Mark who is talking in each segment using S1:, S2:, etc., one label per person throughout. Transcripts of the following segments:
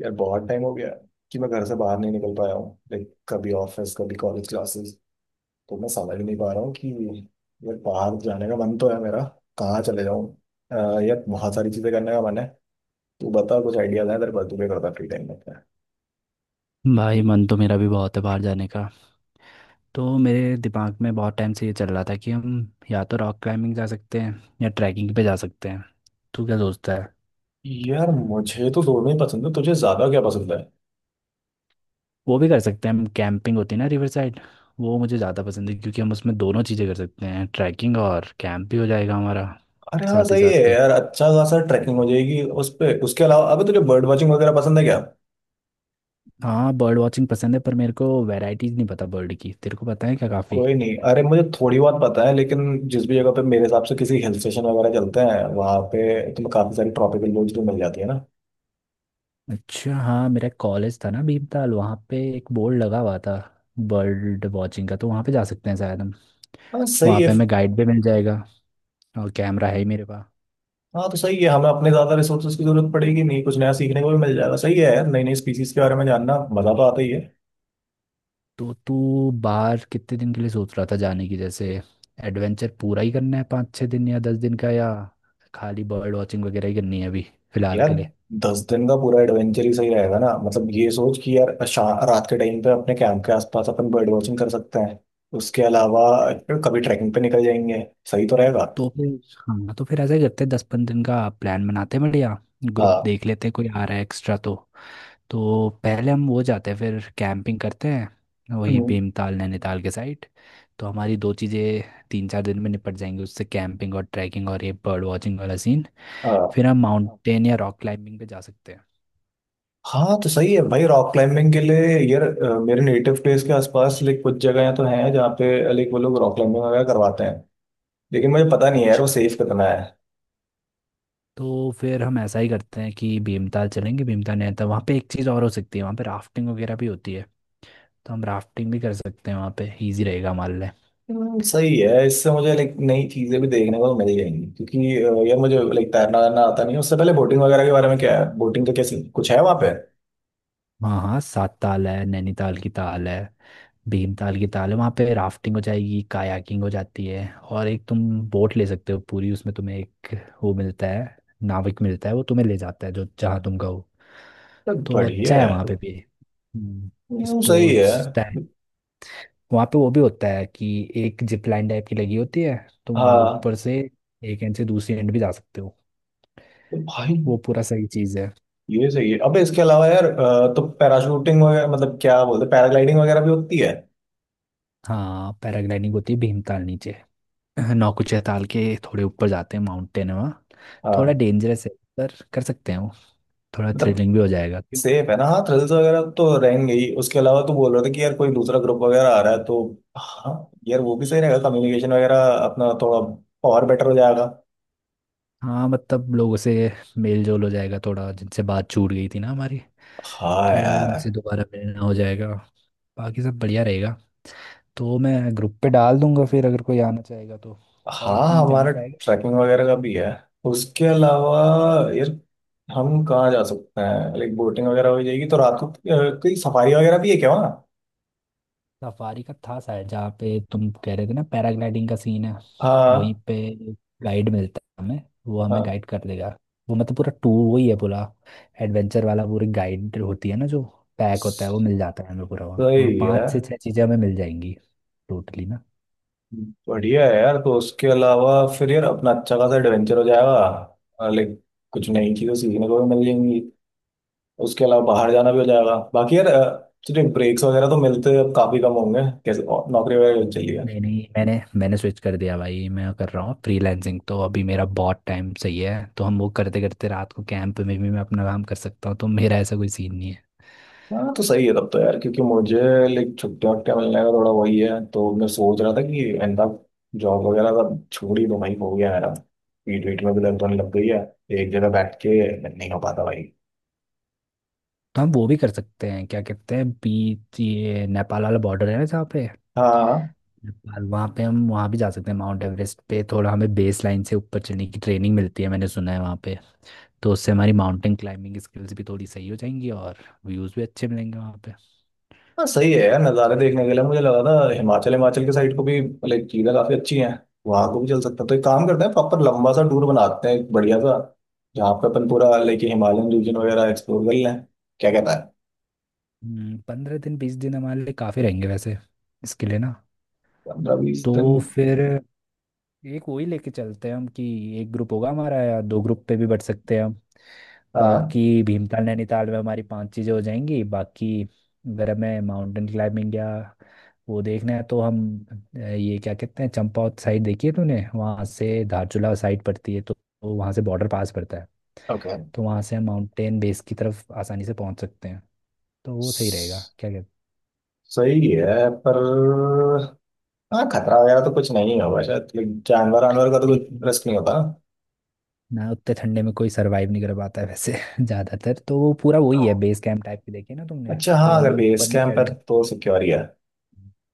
S1: यार बहुत टाइम हो गया कि मैं घर से बाहर नहीं निकल पाया हूँ। लाइक कभी ऑफिस, कभी कॉलेज क्लासेस, तो मैं समझ नहीं पा रहा हूँ कि यार बाहर जाने का मन तो है मेरा। कहाँ चले जाऊँ? यार बहुत सारी चीज़ें करने का मन है। तू बता, कुछ आइडियाज है तेरे पास? तू क्या करता फ्री टाइम में?
S2: भाई मन तो मेरा भी बहुत है बाहर जाने का। तो मेरे दिमाग में बहुत टाइम से ये चल रहा था कि हम या तो रॉक क्लाइंबिंग जा सकते हैं या ट्रैकिंग पे जा सकते हैं। तू क्या सोचता है।
S1: यार मुझे तो दोनों ही पसंद है, तुझे ज्यादा क्या पसंद है?
S2: वो भी कर सकते हैं, हम कैंपिंग होती है ना रिवर साइड, वो मुझे ज़्यादा पसंद है क्योंकि हम उसमें दोनों चीज़ें कर सकते हैं, ट्रैकिंग और कैंप भी हो जाएगा हमारा
S1: अरे हाँ,
S2: साथ ही
S1: सही है
S2: साथ पे।
S1: यार। अच्छा खासा ट्रैकिंग हो जाएगी उस पे। उसके अलावा अबे तुझे बर्ड वॉचिंग वगैरह पसंद है क्या?
S2: हाँ, बर्ड वॉचिंग पसंद है पर मेरे को वैरायटीज़ नहीं पता बर्ड की। तेरे को पता है क्या काफ़ी।
S1: कोई नहीं, अरे मुझे थोड़ी बहुत पता है, लेकिन जिस भी जगह पे, मेरे हिसाब से किसी हिल स्टेशन वगैरह चलते हैं वहाँ पे तुम्हें काफी सारी ट्रॉपिकल लॉज भी मिल जाती है ना।
S2: अच्छा, हाँ, मेरा कॉलेज था ना भीमताल, वहाँ पे एक बोर्ड लगा हुआ था बर्ड वॉचिंग का, तो वहाँ पे जा सकते हैं शायद हम।
S1: हाँ सही
S2: वहाँ
S1: है।
S2: पे हमें गाइड भी मिल जाएगा और कैमरा है ही मेरे पास।
S1: हाँ तो सही है, हमें अपने ज्यादा रिसोर्सेज की जरूरत पड़ेगी नहीं, कुछ नया सीखने को भी मिल जाएगा। सही है यार, नई नई स्पीसीज के बारे में जानना मजा तो आता ही है।
S2: तो तू बाहर कितने दिन के लिए सोच रहा था जाने की? जैसे एडवेंचर पूरा ही करना है 5-6 दिन या 10 दिन का, या खाली बर्ड वॉचिंग वगैरह ही करनी है अभी फिलहाल
S1: यार
S2: के लिए।
S1: 10 दिन का पूरा एडवेंचर ही सही रहेगा ना। मतलब ये सोच कि यार रात के टाइम पे अपने कैंप के आसपास अपन बर्ड वॉचिंग कर सकते हैं। उसके अलावा कभी ट्रैकिंग पे निकल जाएंगे। सही तो रहेगा।
S2: तो फिर हाँ तो फिर ऐसा ही करते हैं, 10-15 दिन का प्लान बनाते हैं। बढ़िया। ग्रुप
S1: हाँ।
S2: देख लेते हैं कोई आ रहा है एक्स्ट्रा तो। तो पहले हम वो जाते हैं, फिर कैंपिंग करते हैं वही
S1: हम्म,
S2: भीमताल नैनीताल के साइड। तो हमारी दो चीज़ें 3-4 दिन में निपट जाएंगी उससे, कैंपिंग और ट्रैकिंग और ये बर्ड वॉचिंग वाला सीन।
S1: हाँ।
S2: फिर हम माउंटेन या रॉक क्लाइंबिंग पे जा सकते हैं।
S1: हाँ तो सही है भाई, रॉक क्लाइंबिंग के लिए यार, मेरे नेटिव प्लेस के आसपास लाइक कुछ जगह तो हैं जहाँ पे लाइक वो लोग रॉक क्लाइंबिंग वगैरह करवाते हैं, लेकिन मुझे पता नहीं है यार वो
S2: अच्छा,
S1: सेफ कितना है।
S2: तो फिर हम ऐसा ही करते हैं कि भीमताल चलेंगे। भीमताल नहीं आता वहाँ पे एक चीज़ और हो सकती है, वहाँ पे राफ्टिंग वगैरह भी होती है, तो हम राफ्टिंग भी कर सकते हैं वहाँ पे। ईजी रहेगा हमारे
S1: सही है। इससे मुझे लाइक नई चीजें भी देखने को मिल जाएंगी, क्योंकि यार मुझे लाइक तैरना वैरना आता नहीं है। उससे पहले बोटिंग वगैरह के बारे में क्या है? बोटिंग का कैसे कुछ है वहाँ पे?
S2: लिए। हाँ हाँ, सात ताल है, नैनीताल की ताल है, भीमताल की ताल है, वहाँ पे राफ्टिंग हो जाएगी, कायाकिंग हो जाती है। और एक तुम बोट ले सकते हो पूरी, उसमें तुम्हें एक वो मिलता है, नाविक मिलता है, वो तुम्हें ले जाता है जो जहाँ तुम कहो।
S1: तो
S2: तो अच्छा
S1: बढ़िया
S2: है
S1: है।
S2: वहाँ पे भी। हम्म,
S1: सही है।
S2: स्पोर्ट्स टाइप वहाँ पे वो भी होता है कि एक जिप लाइन टाइप की लगी होती है, तुम वहाँ
S1: हाँ।
S2: ऊपर से एक एंड से दूसरी एंड भी जा सकते हो।
S1: तो भाई,
S2: वो पूरा सही चीज़ है।
S1: ये सही है। अबे इसके अलावा यार तो पैराशूटिंग वगैरह, मतलब क्या बोलते, पैराग्लाइडिंग वगैरह भी होती है?
S2: हाँ, पैराग्लाइडिंग होती है भीमताल नीचे, नौकुचिया चैताल के थोड़े ऊपर जाते हैं, माउंटेन है वहाँ। थोड़ा
S1: हाँ।
S2: डेंजरस है पर कर सकते हैं वो। थोड़ा
S1: मतलब
S2: थ्रिलिंग भी हो जाएगा क्यों।
S1: सेफ है ना? हाँ थ्रिल्स वगैरह तो रहेंगे ही। उसके अलावा तो बोल रहा था कि यार कोई दूसरा ग्रुप वगैरह आ रहा है तो हाँ, यार वो भी सही रहेगा, कम्युनिकेशन वगैरह अपना थोड़ा और बेटर हो जाएगा।
S2: हाँ, मतलब लोगों से मेल जोल हो जाएगा थोड़ा, जिनसे बात छूट गई थी ना हमारी,
S1: हाँ
S2: तो उनसे
S1: यार।
S2: दोबारा मिलना हो जाएगा। बाकी सब बढ़िया रहेगा। तो मैं ग्रुप पे डाल दूंगा, फिर अगर कोई आना चाहेगा तो, और
S1: हाँ,
S2: कहीं जाना
S1: हमारा
S2: चाहेगा।
S1: ट्रैकिंग वगैरह का भी है। उसके अलावा यार हम कहाँ जा सकते हैं? लाइक बोटिंग वगैरह हो जाएगी तो रात को कोई सफारी वगैरह भी है क्या वहाँ?
S2: सफारी का था शायद जहाँ पे तुम कह रहे थे ना, पैराग्लाइडिंग का सीन है वहीं
S1: हाँ।
S2: पे। गाइड मिलता है हमें, वो हमें
S1: हाँ।
S2: गाइड कर देगा। वो मतलब पूरा टूर वही है, पूरा एडवेंचर वाला, पूरी गाइड होती है ना जो पैक होता है वो मिल जाता है हमें पूरा। वहाँ वहाँ
S1: सही
S2: पाँच
S1: है।
S2: से छह चीज़ें हमें मिल जाएंगी टोटली ना।
S1: बढ़िया है यार। तो उसके अलावा फिर यार अपना अच्छा खासा एडवेंचर हो जाएगा, लाइक कुछ नई
S2: हम्म।
S1: चीजें सीखने को भी मिल जाएंगी। उसके अलावा बाहर जाना भी हो जाएगा। बाकी यार तुझे ब्रेक्स वगैरह तो मिलते अब काफी कम होंगे, कैसे? और नौकरी वगैरह चल रही है?
S2: नहीं नहीं मैंने मैंने स्विच कर दिया भाई। मैं कर रहा हूँ फ्रीलांसिंग, तो अभी मेरा बहुत टाइम सही है, तो हम वो करते करते रात को कैंप में भी मैं अपना काम कर सकता हूँ, तो मेरा ऐसा कोई सीन नहीं है।
S1: हाँ तो सही है। तब तो यार, क्योंकि मुझे लाइक छुट्टियां वुट्टियां मिलने का थोड़ा वही है, तो मैं सोच रहा था कि इंदा जॉब वगैरह सब छोड़ ही दो भाई, हो गया मेरा। पीठ वीठ में भी दर्द होने लग गई है, एक जगह बैठ के नहीं हो पाता भाई।
S2: तो हम वो भी कर सकते हैं, क्या कहते हैं बीच ये नेपाल वाला बॉर्डर है ना जहाँ पे
S1: हाँ।
S2: नेपाल, वहाँ पे हम वहाँ भी जा सकते हैं। माउंट एवरेस्ट पे थोड़ा हमें बेस लाइन से ऊपर चढ़ने की ट्रेनिंग मिलती है मैंने सुना है वहाँ पे। तो उससे हमारी माउंटेन क्लाइंबिंग स्किल्स भी थोड़ी सही हो जाएंगी और व्यूज़ भी अच्छे मिलेंगे वहाँ पे।
S1: हाँ सही है यार। नज़ारे देखने के लिए मुझे लगा था हिमाचल, हिमाचल के साइड को भी लाइक चीज़ें काफ़ी अच्छी हैं, वहाँ को भी चल सकता है। तो एक काम करते हैं, प्रॉपर लंबा सा टूर बनाते हैं एक बढ़िया सा, जहाँ पे अपन पूरा लाइक हिमालयन रीजन वगैरह एक्सप्लोर कर लें। क्या कहता है?
S2: 15 दिन 20 दिन हमारे लिए काफ़ी रहेंगे वैसे इसके लिए ना।
S1: 15-20 दिन?
S2: तो फिर एक वही लेके चलते हैं हम कि एक ग्रुप होगा हमारा, या दो ग्रुप पे भी बट सकते हैं हम।
S1: हाँ।
S2: बाकी भीमताल नैनीताल में हमारी पांच चीज़ें हो जाएंगी। बाकी अगर हमें माउंटेन क्लाइंबिंग या वो देखना है तो हम ये क्या कहते हैं चंपावत साइड देखी है तूने? वहाँ से धारचूला साइड पड़ती है, तो वहाँ से बॉर्डर पास पड़ता है।
S1: ओके।
S2: तो वहाँ से हम माउंटेन बेस की तरफ आसानी से पहुँच सकते हैं। तो वो सही रहेगा क्या कहते
S1: सही है, पर हाँ, खतरा वगैरह तो कुछ नहीं होगा शायद? लाइक जानवर वानवर का तो
S2: हैं।
S1: कुछ
S2: नहीं,
S1: रिस्क नहीं होता
S2: ना उतने ठंडे में कोई सरवाइव नहीं कर पाता है वैसे ज्यादातर। तो वो पूरा
S1: ना?
S2: वही है बेस कैंप टाइप की, देखी ना तुमने।
S1: अच्छा,
S2: तो
S1: हाँ अगर
S2: हमें
S1: बेस
S2: ऊपर नहीं
S1: कैंप है
S2: चढ़ने,
S1: तो सिक्योर ही है।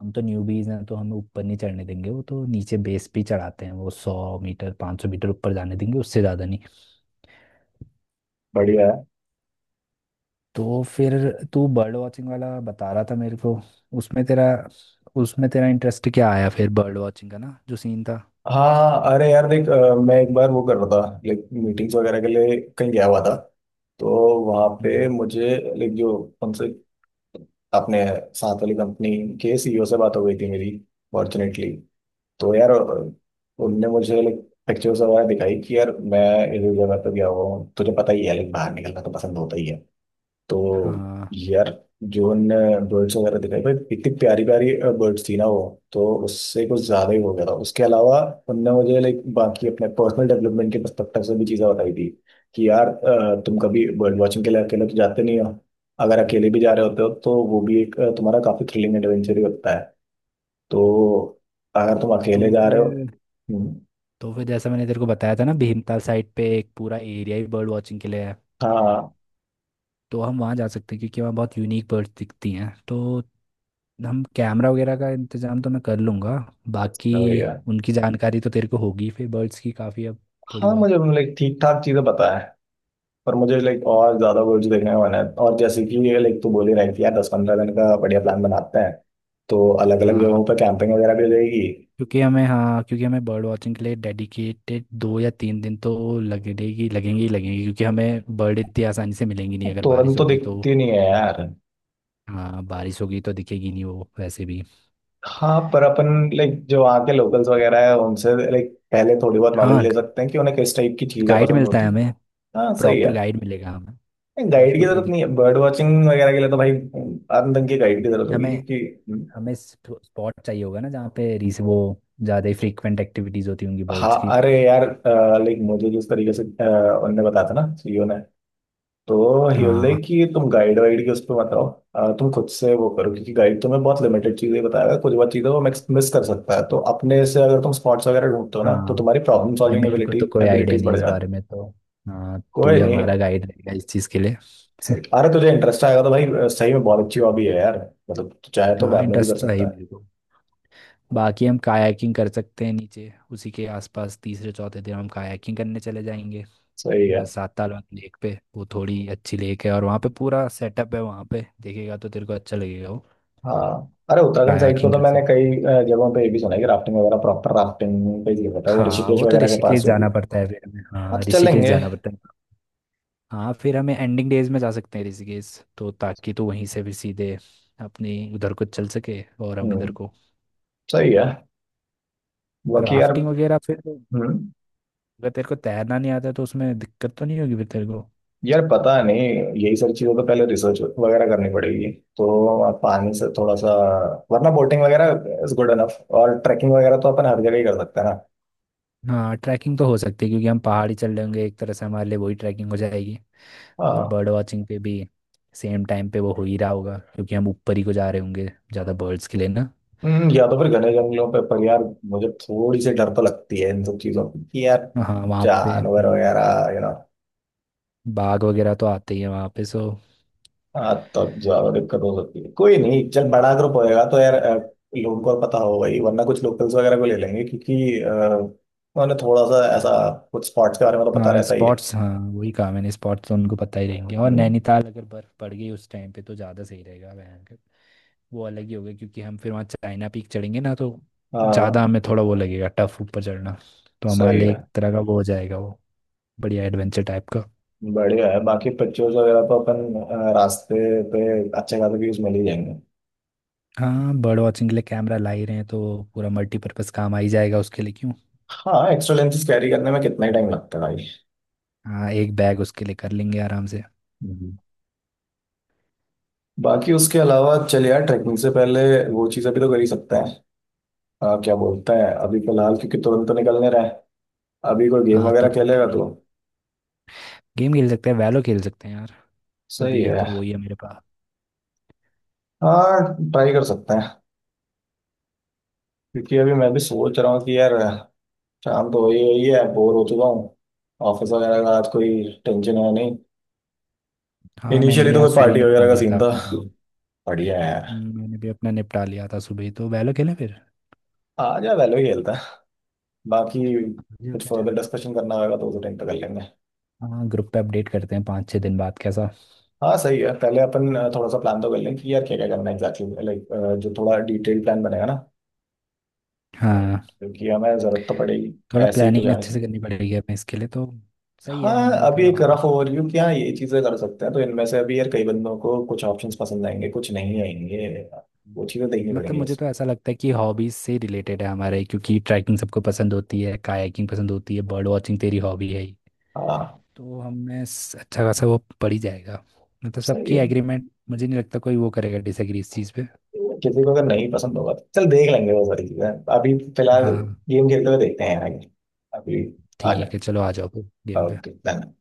S2: हम तो न्यूबीज हैं तो हमें ऊपर नहीं चढ़ने देंगे वो, तो नीचे बेस पे ही चढ़ाते हैं वो, 100 मीटर 500 मीटर ऊपर जाने देंगे, उससे ज्यादा नहीं।
S1: बढ़िया।
S2: तो फिर तू बर्ड वॉचिंग वाला बता रहा था मेरे को, उसमें तेरा उसमें तेरा इंटरेस्ट क्या आया फिर बर्ड वॉचिंग का ना जो सीन था।
S1: हाँ अरे यार देख, मैं एक बार वो कर रहा था, लाइक मीटिंग्स वगैरह के लिए कहीं गया हुआ था। तो वहाँ पे
S2: हम्म।
S1: मुझे लाइक जो, उनसे, अपने साथ वाली कंपनी के सीईओ से बात हो गई थी मेरी, फॉर्चुनेटली। तो यार उनने मुझे लाइक पिक्चर्स वगैरह दिखाई कि यार मैं इस जगह पे गया हुआ हूँ। तुझे पता ही है, लाइक बाहर निकलना तो पसंद होता ही है। तो
S2: हाँ।
S1: यार जो बर्ड्स वगैरह दिखाई भाई, इतनी प्यारी प्यारी बर्ड्स थी ना वो, तो उससे कुछ ज्यादा ही हो गया था। उसके अलावा उनने मुझे लाइक बाकी अपने पर्सनल डेवलपमेंट के पर्सपेक्टिव से भी चीजें बताई थी, कि यार तुम कभी बर्ड वॉचिंग के लिए अकेले तो जाते नहीं हो। अगर अकेले भी जा रहे होते हो तो वो भी एक तुम्हारा काफी थ्रिलिंग एडवेंचर ही होता है। तो अगर तुम
S2: तो
S1: अकेले जा रहे हो।
S2: फिर
S1: हम्म,
S2: तो फिर जैसा मैंने तेरे को बताया था ना, भीमताल साइड पे एक पूरा एरिया ही बर्ड वॉचिंग के लिए है,
S1: हाँ।
S2: तो हम वहाँ जा सकते हैं क्योंकि वहाँ बहुत यूनिक बर्ड्स दिखती हैं। तो हम कैमरा वगैरह का इंतजाम तो मैं कर लूँगा। बाकी
S1: तो यार
S2: उनकी जानकारी तो तेरे को होगी फिर बर्ड्स की काफ़ी अब। थोड़ी
S1: हाँ,
S2: बहुत।
S1: मुझे लाइक ठीक ठाक चीजें बताया, पर मुझे लाइक और ज्यादा वर्ड्स देखने का मन है। और जैसे कि ये लाइक तू बोल ही रही थी यार, 10-15 दिन का बढ़िया प्लान बनाते हैं, तो अलग अलग
S2: हाँ
S1: जगहों पर कैंपिंग वगैरह भी हो जाएगी।
S2: क्योंकि हमें बर्ड वॉचिंग के लिए डेडिकेटेड 2 या 3 दिन तो लगेगी लगेंगे ही लगेंगे क्योंकि हमें बर्ड इतनी आसानी से मिलेंगी नहीं अगर बारिश
S1: तुरंत तो
S2: होगी तो।
S1: दिखती नहीं है यार।
S2: हाँ, बारिश होगी तो दिखेगी नहीं वो वैसे भी।
S1: हाँ, पर अपन लाइक जो वहाँ के लोकल्स वगैरह है उनसे लाइक पहले थोड़ी बहुत नॉलेज
S2: हाँ,
S1: ले सकते हैं कि उन्हें किस टाइप की चीज़ें
S2: गाइड
S1: पसंद
S2: मिलता है
S1: होती।
S2: हमें,
S1: हाँ सही
S2: प्रॉपर
S1: है।
S2: गाइड मिलेगा हमें, तो
S1: गाइड की
S2: उसमें कोई
S1: जरूरत नहीं है
S2: दिक्कत
S1: बर्ड वॉचिंग वगैरह के लिए, तो भाई अंत के गाइड की जरूरत
S2: नहीं।
S1: होगी,
S2: हमें
S1: क्योंकि
S2: हमें स्पॉट चाहिए होगा ना जहाँ पे रीस वो ज़्यादा ही फ्रीक्वेंट एक्टिविटीज होती होंगी
S1: हाँ
S2: बर्ड्स की।
S1: अरे यार, लाइक मुझे जिस तरीके से उनने बताया था ना सीईओ, तो ही वाज
S2: हाँ।
S1: लाइक कि तुम गाइड वाइड के उस पर मत रहो, तुम खुद से वो करो, क्योंकि गाइड तुम्हें बहुत लिमिटेड चीजें बताएगा। कुछ बहुत चीजें वो मिस कर सकता है। तो अपने से अगर तुम स्पॉट्स वगैरह ढूंढते हो ना, तो
S2: हाँ।
S1: तुम्हारी प्रॉब्लम सॉल्विंग
S2: मेरे को तो कोई आइडिया
S1: एबिलिटीज
S2: नहीं है
S1: बढ़
S2: इस
S1: जाती
S2: बारे
S1: है।
S2: में, तो हाँ, तू ही
S1: कोई नहीं।
S2: हमारा गाइड रहेगा इस चीज़ के लिए।
S1: सही। अरे तुझे इंटरेस्ट आएगा तो भाई, सही में बहुत अच्छी हॉबी है यार। मतलब तू चाहे तो
S2: हाँ,
S1: बाद में भी कर
S2: इंटरेस्ट तो है ही
S1: सकता है।
S2: मेरे को। बाकी हम कायाकिंग कर सकते हैं नीचे उसी के आसपास, तीसरे चौथे दिन हम कायाकिंग करने चले जाएंगे
S1: सही है।
S2: साताल वाली लेक पे। वो थोड़ी अच्छी लेक है और वहाँ पे पूरा सेटअप है, वहाँ पे देखेगा तो तेरे को अच्छा लगेगा वो।
S1: हाँ अरे, उत्तराखंड साइड को
S2: कायाकिंग
S1: तो
S2: कर।
S1: मैंने कई जगहों पे ये भी सुना है कि राफ्टिंग वगैरह, प्रॉपर राफ्टिंग पे ही होता है वो
S2: हाँ,
S1: ऋषिकेश
S2: वो तो
S1: वगैरह के पास
S2: ऋषिकेश
S1: जो भी।
S2: जाना पड़ता है फिर हमें।
S1: हाँ
S2: हाँ,
S1: तो
S2: ऋषिकेश
S1: चलेंगे।
S2: जाना पड़ता है। हाँ, फिर हमें एंडिंग डेज में जा सकते हैं ऋषिकेश, तो ताकि तो वहीं से फिर सीधे अपनी उधर को चल सके और हम
S1: हम्म
S2: इधर को।
S1: सही है। बाकी यार।
S2: राफ्टिंग वगैरह फिर तो,
S1: हम्म
S2: अगर तेरे को तैरना नहीं आता तो उसमें दिक्कत तो नहीं होगी फिर तेरे को।
S1: यार पता नहीं, यही सारी चीजों पे पहले रिसर्च वगैरह करनी पड़ेगी, तो आप पानी से थोड़ा सा, वरना बोटिंग वगैरह इज गुड इनफ। और ट्रैकिंग वगैरह तो अपन हर जगह ही कर सकते हैं ना।
S2: हाँ, ट्रैकिंग तो हो सकती है क्योंकि हम पहाड़ी चल रहे होंगे एक तरह से, हमारे लिए वही ट्रैकिंग हो जाएगी। और
S1: हाँ।
S2: बर्ड वॉचिंग पे भी सेम टाइम पे वो हो ही रहा होगा क्योंकि हम ऊपर ही को जा रहे होंगे ज़्यादा बर्ड्स के लिए ना।
S1: या तो फिर घने जंगलों पे, पर यार मुझे थोड़ी सी डर तो लगती है इन सब चीजों की, कि यार
S2: हाँ वहाँ पे।
S1: जानवर वगैरह यू नो।
S2: बाघ वगैरह तो आते ही हैं वहाँ पे सो।
S1: हाँ तब ज्यादा दिक्कत हो सकती है। कोई नहीं, चल बड़ा ग्रुप होएगा तो यार लोगों को पता होगा ही, वरना कुछ लोकल्स वगैरह को ले लेंगे, क्योंकि उन्हें थोड़ा सा ऐसा कुछ स्पॉट्स के बारे में तो पता
S2: हाँ
S1: रहता ही है।
S2: स्पॉट्स, हाँ वही कहा मैंने, स्पॉट्स तो उनको पता ही रहेंगे। और
S1: हम्म।
S2: नैनीताल अगर बर्फ़ पड़ गई उस टाइम पे तो ज़्यादा सही रहेगा भयंकर, वो अलग ही होगा क्योंकि हम फिर वहाँ चाइना पीक चढ़ेंगे ना, तो ज़्यादा
S1: हाँ
S2: हमें थोड़ा वो लगेगा, टफ ऊपर चढ़ना। तो हमारे
S1: सही
S2: लिए
S1: है।
S2: एक तरह का वो हो जाएगा वो बढ़िया एडवेंचर टाइप का।
S1: बढ़िया है। बाकी पिक्चर्स वगैरह तो अपन रास्ते पे अच्छे खासे व्यूज मिल ही जाएंगे।
S2: हाँ, बर्ड वॉचिंग के लिए कैमरा ला ही रहे हैं तो पूरा मल्टीपर्पज़ काम आ ही जाएगा उसके लिए क्यों।
S1: हाँ, एक्स्ट्रा लेंसेज कैरी करने में कितना ही टाइम लगता है भाई।
S2: हाँ, एक बैग उसके लिए कर लेंगे आराम से।
S1: हम्म। बाकी उसके अलावा चलिए यार, ट्रैकिंग से पहले वो चीज़ें भी तो कर ही सकते हैं। क्या बोलते हैं, अभी फिलहाल, क्योंकि तुरंत तो निकलने रहे हैं, अभी कोई गेम
S2: हाँ,
S1: वगैरह
S2: तुरंत तो
S1: खेलेगा
S2: नहीं,
S1: तो?
S2: गेम खेल सकते हैं, वैलो खेल सकते हैं यार।
S1: सही
S2: अभी तो
S1: है।
S2: वही है मेरे पास।
S1: हाँ, ट्राई कर सकते हैं। क्योंकि अभी मैं भी सोच रहा हूँ कि यार शाम तो हो ही रही है, बोर हो चुका हूँ, ऑफिस वगैरह का आज कोई टेंशन है नहीं।
S2: हाँ, मैंने
S1: इनिशियली
S2: भी
S1: तो
S2: आज
S1: कोई
S2: सुबह ही
S1: पार्टी वगैरह
S2: निपटा
S1: का
S2: लिया
S1: सीन
S2: था
S1: था।
S2: अपना काम।
S1: बढ़िया है यार।
S2: मैंने भी अपना निपटा लिया था सुबह ही, तो वैलो खेलें फिर?
S1: आ जा, वेलो ही खेलता है। बाकी
S2: या
S1: कुछ
S2: फिर
S1: फर्दर डिस्कशन करना होगा तो उस टाइम पे कर लेंगे।
S2: हाँ, ग्रुप पे अपडेट करते हैं 5-6 दिन बाद कैसा।
S1: हाँ सही है, पहले अपन थोड़ा सा प्लान तो कर लेंगे कि यार क्या क्या करना है एग्जैक्टली, लाइक जो थोड़ा डिटेल प्लान बनेगा ना,
S2: हाँ,
S1: क्योंकि हमें जरूरत तो पड़ेगी,
S2: थोड़ा
S1: ऐसे ही तो
S2: प्लानिंग
S1: जाने
S2: अच्छे
S1: से।
S2: से करनी पड़ेगी हमें इसके लिए तो। सही
S1: हाँ,
S2: है, हमारा
S1: अभी
S2: थोड़ा
S1: एक
S2: हॉबी,
S1: रफ ओवरव्यू, कि हाँ ये चीज़ें कर सकते हैं, तो इनमें से अभी यार कई बंदों को कुछ ऑप्शंस पसंद आएंगे, कुछ नहीं आएंगे, वो चीज़ें देखनी
S2: मतलब
S1: पड़ेंगी
S2: मुझे
S1: बस।
S2: तो ऐसा लगता है कि हॉबीज से रिलेटेड है हमारे, क्योंकि ट्रैकिंग सबको पसंद होती है, कायाकिंग पसंद होती है, बर्ड वॉचिंग तेरी हॉबी है ही।
S1: हाँ
S2: तो हमें अच्छा खासा वो पड़ ही जाएगा, मतलब
S1: सही
S2: सबकी
S1: है।
S2: एग्रीमेंट, मुझे नहीं लगता कोई वो करेगा डिसएग्री इस चीज़ पे।
S1: किसी को अगर नहीं पसंद होगा तो चल देख लेंगे वो सारी चीजें। अभी फिलहाल
S2: हाँ
S1: गेम खेलते हुए देखते हैं आगे। अभी आ
S2: ठीक
S1: जाए।
S2: है, चलो आ जाओ फिर गेम पे।
S1: ओके, धन्यवाद।